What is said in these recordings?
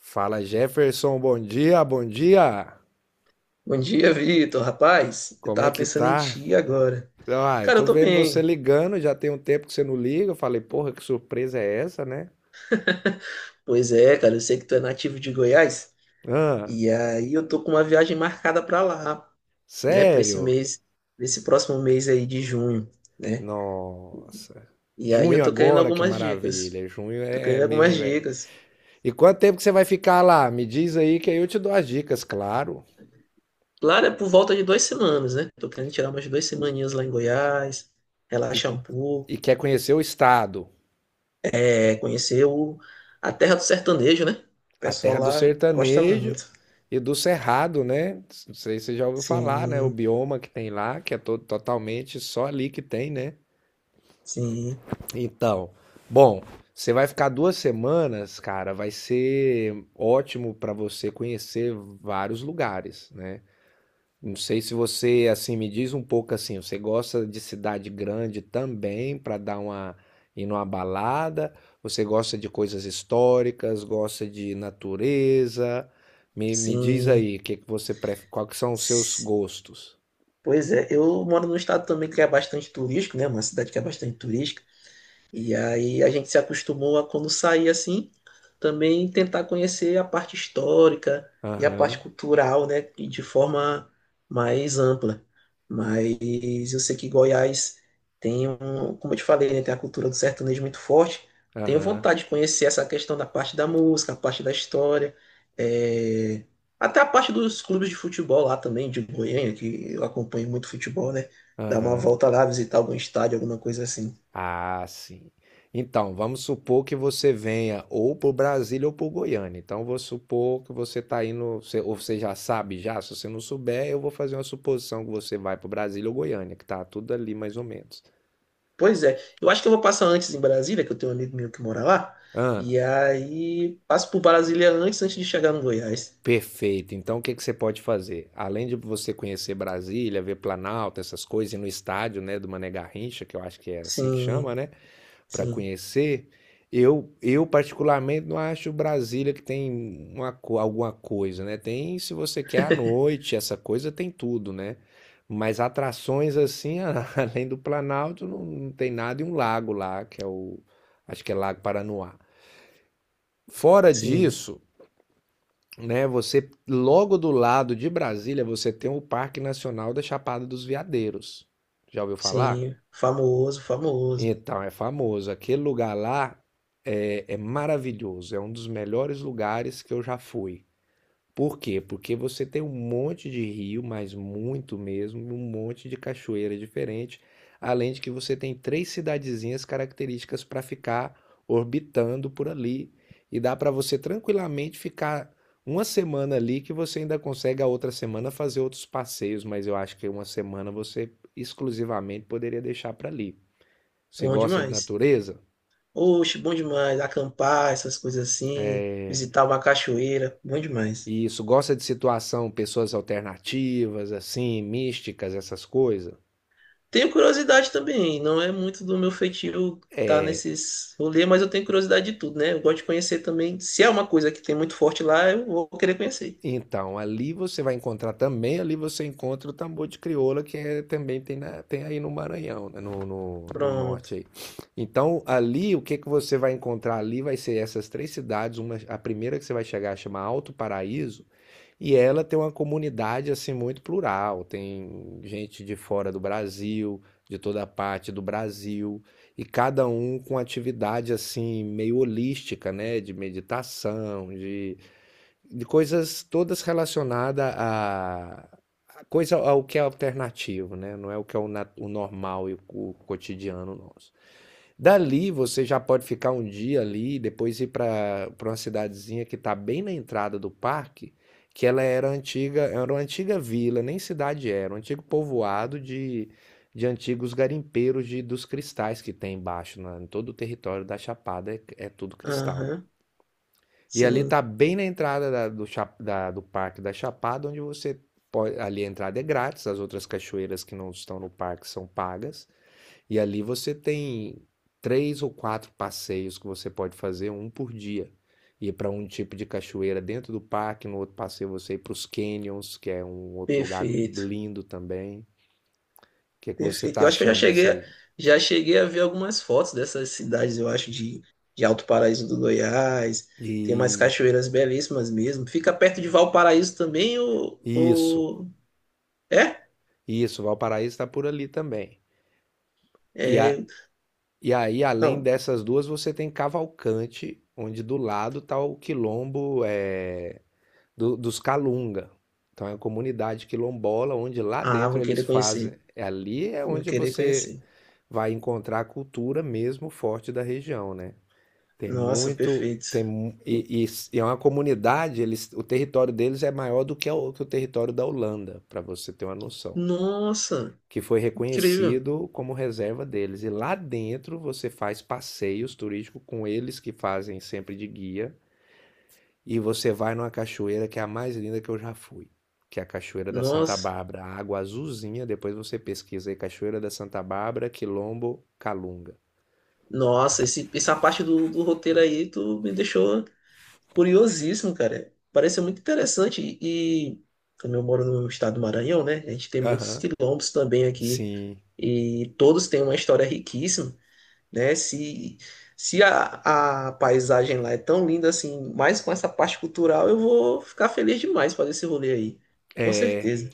Fala Jefferson, bom dia, bom dia. Bom dia, Vitor. Rapaz, eu Como é tava que pensando em tá? ti agora. Ah, eu Cara, eu tô tô vendo você bem. ligando, já tem um tempo que você não liga. Eu falei, porra, que surpresa é essa, né? Pois é, cara, eu sei que tu é nativo de Goiás. Ah, E aí eu tô com uma viagem marcada pra lá, né? Pra esse sério? mês, nesse próximo mês aí de junho, né? Nossa. E aí eu Junho tô querendo agora, que algumas dicas. maravilha. Junho Tô é querendo meio algumas inverno. dicas. E quanto tempo que você vai ficar lá? Me diz aí que aí eu te dou as dicas, claro. Claro, é por volta de duas semanas, né? Tô querendo tirar umas duas semaninhas lá em Goiás, E, relaxar um pouco, e quer conhecer o estado? é, conhecer a terra do sertanejo, né? O A pessoal terra do lá gosta sertanejo muito. e do cerrado, né? Não sei se você já ouviu falar, né? O Sim. bioma que tem lá, que é todo, totalmente só ali que tem, né? Sim, Então, bom, você vai ficar duas semanas, cara, vai ser ótimo para você conhecer vários lugares, né? Não sei se você, assim, me diz um pouco assim, você gosta de cidade grande também para dar uma ir numa balada? Você gosta de coisas históricas, gosta de natureza? Me diz sim. aí, que você prefere, quais que são os seus S- gostos? Pois é, eu moro num estado também que é bastante turístico, né? Uma cidade que é bastante turística. E aí a gente se acostumou a, quando sair assim, também tentar conhecer a parte histórica e a parte Aham, cultural, né, e de forma mais ampla. Mas eu sei que Goiás tem um, como eu te falei, né, tem a cultura do sertanejo muito forte. Tenho aham, vontade de conhecer essa questão da parte da música, a parte da história, é, até a parte dos clubes de futebol lá também, de Goiânia, que eu acompanho muito futebol, né? Dar uma aham. volta lá, visitar algum estádio, alguma coisa assim. Ah, sim. Então, vamos supor que você venha ou para Brasília ou para Goiânia. Então, vou supor que você está indo, ou você já sabe já. Se você não souber, eu vou fazer uma suposição que você vai para Brasília ou Goiânia, que tá tudo ali mais ou menos. Pois é. Eu acho que eu vou passar antes em Brasília, que eu tenho um amigo meu que mora lá. Ah, E aí passo por Brasília antes, antes de chegar no Goiás. perfeito. Então, o que que você pode fazer? Além de você conhecer Brasília, ver Planalto, essas coisas, e no estádio, né, do Mané Garrincha, que eu acho que é assim que chama, Sim, né? Para sim, conhecer. Eu particularmente não acho Brasília que tem uma, alguma coisa, né? Tem, se você quer à noite, essa coisa tem tudo, né? Mas atrações assim, além do Planalto, não tem nada e um lago lá, que é o, acho que é Lago Paranoá. Fora sim, disso, né, você logo do lado de Brasília, você tem o Parque Nacional da Chapada dos Veadeiros. Já ouviu falar? sim. Famoso, famoso. Então, é famoso. Aquele lugar lá é maravilhoso. É um dos melhores lugares que eu já fui. Por quê? Porque você tem um monte de rio, mas muito mesmo, e um monte de cachoeira diferente. Além de que você tem três cidadezinhas características para ficar orbitando por ali. E dá para você tranquilamente ficar uma semana ali, que você ainda consegue a outra semana fazer outros passeios. Mas eu acho que uma semana você exclusivamente poderia deixar para ali. Você Bom gosta de demais. natureza? Oxe, bom demais. Acampar, essas coisas assim. É, Visitar uma cachoeira. Bom demais. e isso, gosta de situação, pessoas alternativas, assim, místicas, essas coisas? Tenho curiosidade também. Não é muito do meu feitio estar É, nesses rolês, mas eu tenho curiosidade de tudo, né? Eu gosto de conhecer também. Se é uma coisa que tem muito forte lá, eu vou querer conhecer. então, ali você vai encontrar também, ali você encontra o tambor de crioula, que é, também tem, tem aí no Maranhão, né, no Pronto. norte aí. Então, ali, o que que você vai encontrar ali vai ser essas três cidades, uma, a primeira que você vai chegar chama Alto Paraíso. E ela tem uma comunidade assim muito plural, tem gente de fora do Brasil, de toda parte do Brasil, e cada um com atividade assim meio holística, né, de meditação, de coisas todas relacionadas a coisa ao que é alternativo, né? Não é o que é o, o normal e o cotidiano nosso. Dali você já pode ficar um dia ali, depois ir para uma cidadezinha que está bem na entrada do parque, que ela era antiga, era uma antiga vila, nem cidade era, um antigo povoado de antigos garimpeiros de, dos cristais que tem embaixo, na, em todo o território da Chapada é tudo cristal. Aham. E ali Sim, está bem na entrada do parque da Chapada, onde você pode, ali a entrada é grátis, as outras cachoeiras que não estão no parque são pagas. E ali você tem três ou quatro passeios que você pode fazer, um por dia. Ir para um tipo de cachoeira dentro do parque, no outro passeio você ir para os canyons, que é um outro lugar perfeito, lindo também. O que é que você perfeito. está Eu acho que eu já achando dessa cheguei, aí? já cheguei a ver algumas fotos dessas cidades, eu acho, de Alto Paraíso do Goiás. Tem umas E cachoeiras belíssimas mesmo. Fica perto de Valparaíso também, isso, ou... É? isso, Valparaíso está por ali também. E, a, É, e aí, além não. dessas duas, você tem Cavalcante, onde do lado está o Quilombo, é, dos Calunga. Então é uma comunidade quilombola onde lá Ah, vou dentro eles querer fazem. conhecer. Ali é Vou onde querer você conhecer. vai encontrar a cultura mesmo forte da região, né? Tem Nossa, muito, perfeito. tem mu- e s- e é uma comunidade. Eles, o território deles é maior do que, que o território da Holanda, para você ter uma noção. Nossa, Que foi incrível. reconhecido como reserva deles. E lá dentro você faz passeios turísticos com eles que fazem sempre de guia. E você vai numa cachoeira que é a mais linda que eu já fui, que é a Cachoeira da Santa Nossa, Bárbara, água azulzinha. Depois você pesquisa aí Cachoeira da Santa Bárbara, Quilombo, Calunga. nossa, esse, essa parte do, do roteiro aí, tu me deixou. Curiosíssimo, cara. Parece muito interessante. E como eu moro no estado do Maranhão, né? A gente tem muitos Aham, quilombos também aqui. sim. E todos têm uma história riquíssima, né? Se a, a paisagem lá é tão linda assim, mais com essa parte cultural, eu vou ficar feliz demais fazer esse rolê aí. Com É, certeza.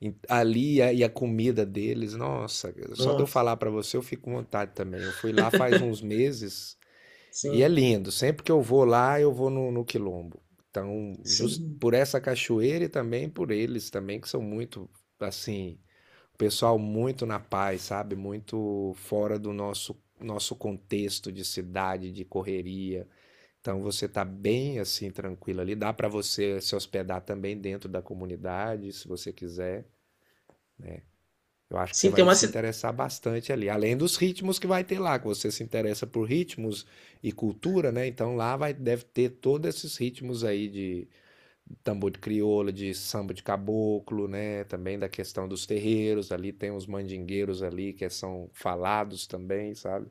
ali e a comida deles, nossa, só de eu Nossa, falar pra você eu fico com vontade também. Eu fui lá faz uns meses e é sim, lindo. Sempre que eu vou lá, eu vou no Quilombo. Então, justo sim. por essa cachoeira e também por eles também, que são muito, assim, o pessoal muito na paz, sabe? Muito fora do nosso contexto de cidade, de correria. Então você tá bem assim tranquilo ali. Dá para você se hospedar também dentro da comunidade, se você quiser. Eu acho que você Sim, tem vai uma, se ci- interessar bastante ali. Além dos ritmos que vai ter lá, que você se interessa por ritmos e cultura, né? Então lá vai, deve ter todos esses ritmos aí de, tambor de crioula, de samba de caboclo, né? Também da questão dos terreiros, ali tem uns mandingueiros ali que são falados também, sabe?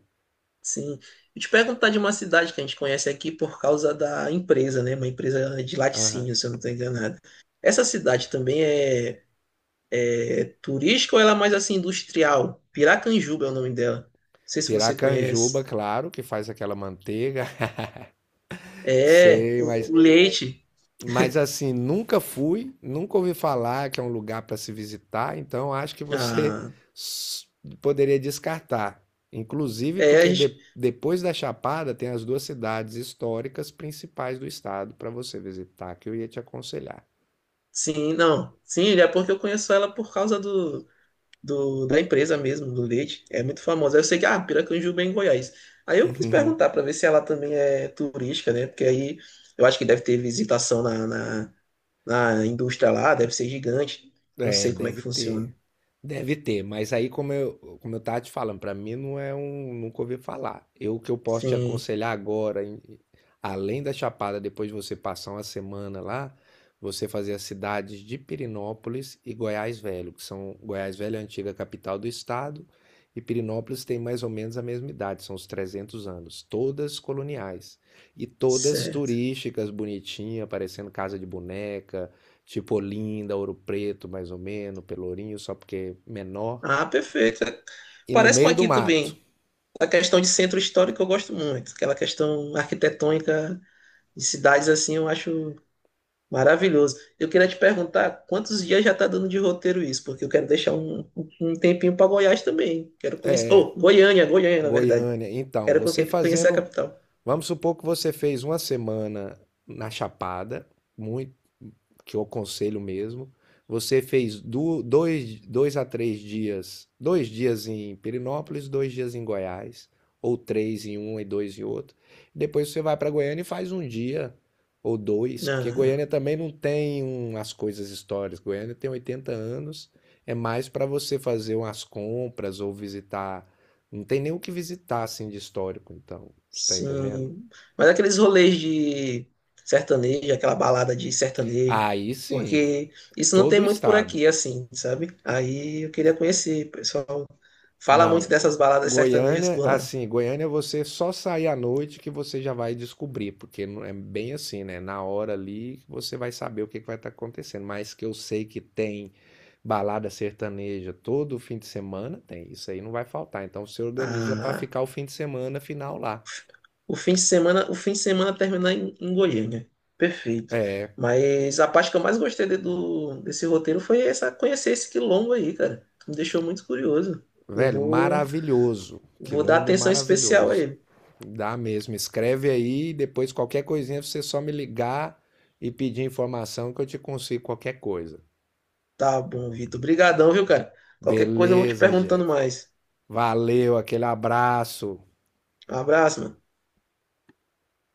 Sim. Eu te perguntar de uma cidade que a gente conhece aqui por causa da empresa, né? Uma empresa de Aham. laticínio, se eu não estou enganado. Essa cidade também é, é turística ou ela é mais assim industrial? Piracanjuba é o nome dela. Não sei se você Piracanjuba, conhece. claro, que faz aquela manteiga, É, sei, o leite. mas assim, nunca fui, nunca ouvi falar que é um lugar para se visitar, então acho que você Ah, s- poderia descartar. Inclusive é, a porque gente, depois da Chapada tem as duas cidades históricas principais do estado para você visitar, que eu ia te aconselhar. sim, não. Sim, é porque eu conheço ela por causa da empresa mesmo, do leite. É muito famosa. Eu sei que, ah, Piracanjuba é em Goiás. Aí eu quis Uhum. perguntar para ver se ela também é turística, né? Porque aí eu acho que deve ter visitação na indústria lá, deve ser gigante. Não É, sei como é que deve ter. funciona. Deve ter, mas aí como eu tava te falando, pra mim não é um, nunca ouvi falar. Eu o que eu posso te Sim, aconselhar agora, além da Chapada, depois de você passar uma semana lá, você fazer as cidades de Pirinópolis e Goiás Velho, que são Goiás Velho é a antiga capital do estado e Pirinópolis tem mais ou menos a mesma idade, são os 300 anos, todas coloniais e todas certo. turísticas, bonitinha, parecendo casa de boneca. Tipo Olinda, Ouro Preto, mais ou menos, Pelourinho, só porque é menor. Ah, perfeito. E no Parece com meio do aqui mato, também. A questão de centro histórico eu gosto muito. Aquela questão arquitetônica de cidades assim, eu acho maravilhoso. Eu queria te perguntar quantos dias já tá dando de roteiro isso, porque eu quero deixar um, um tempinho para Goiás também. Quero conhecer. Oh, Goiânia, Goiânia, na verdade. Goiânia. Então, você Conhecer a fazendo. capital. Vamos supor que você fez uma semana na Chapada, muito que eu aconselho mesmo. Você fez dois a três dias, dois dias em Perinópolis, dois dias em Goiás, ou três em um e dois em outro. Depois você vai para Goiânia e faz um dia ou dois, porque Ah, Goiânia também não tem um as coisas históricas. Goiânia tem 80 anos, é mais para você fazer umas compras ou visitar. Não tem nem o que visitar assim de histórico, então, você está entendendo? sim, mas aqueles rolês de sertanejo, aquela balada de sertanejo, Aí sim, porque isso não tem todo o muito por estado. aqui, assim, sabe? Aí eu queria conhecer, o pessoal. Fala muito Não, dessas baladas sertanejas Goiânia, por lá. assim, Goiânia você só sair à noite que você já vai descobrir, porque não é bem assim, né? Na hora ali que você vai saber o que que vai estar acontecendo. Mas que eu sei que tem balada sertaneja todo fim de semana, tem. Isso aí não vai faltar. Então você organiza para Ah, ficar o fim de semana final lá. o fim de semana, o fim de semana terminar em, em Goiânia. Perfeito. É, Mas a parte que eu mais gostei do, desse roteiro foi essa, conhecer esse quilombo aí, cara. Me deixou muito curioso. Eu velho, vou, maravilhoso. vou dar Quilombo atenção especial a maravilhoso. ele. Dá mesmo. Escreve aí, depois qualquer coisinha você só me ligar e pedir informação que eu te consigo qualquer coisa. Tá bom, Vitor. Obrigadão, viu, cara? Qualquer coisa eu vou te Beleza, perguntando Jeff. mais. Valeu, aquele abraço. Um abraço, mano.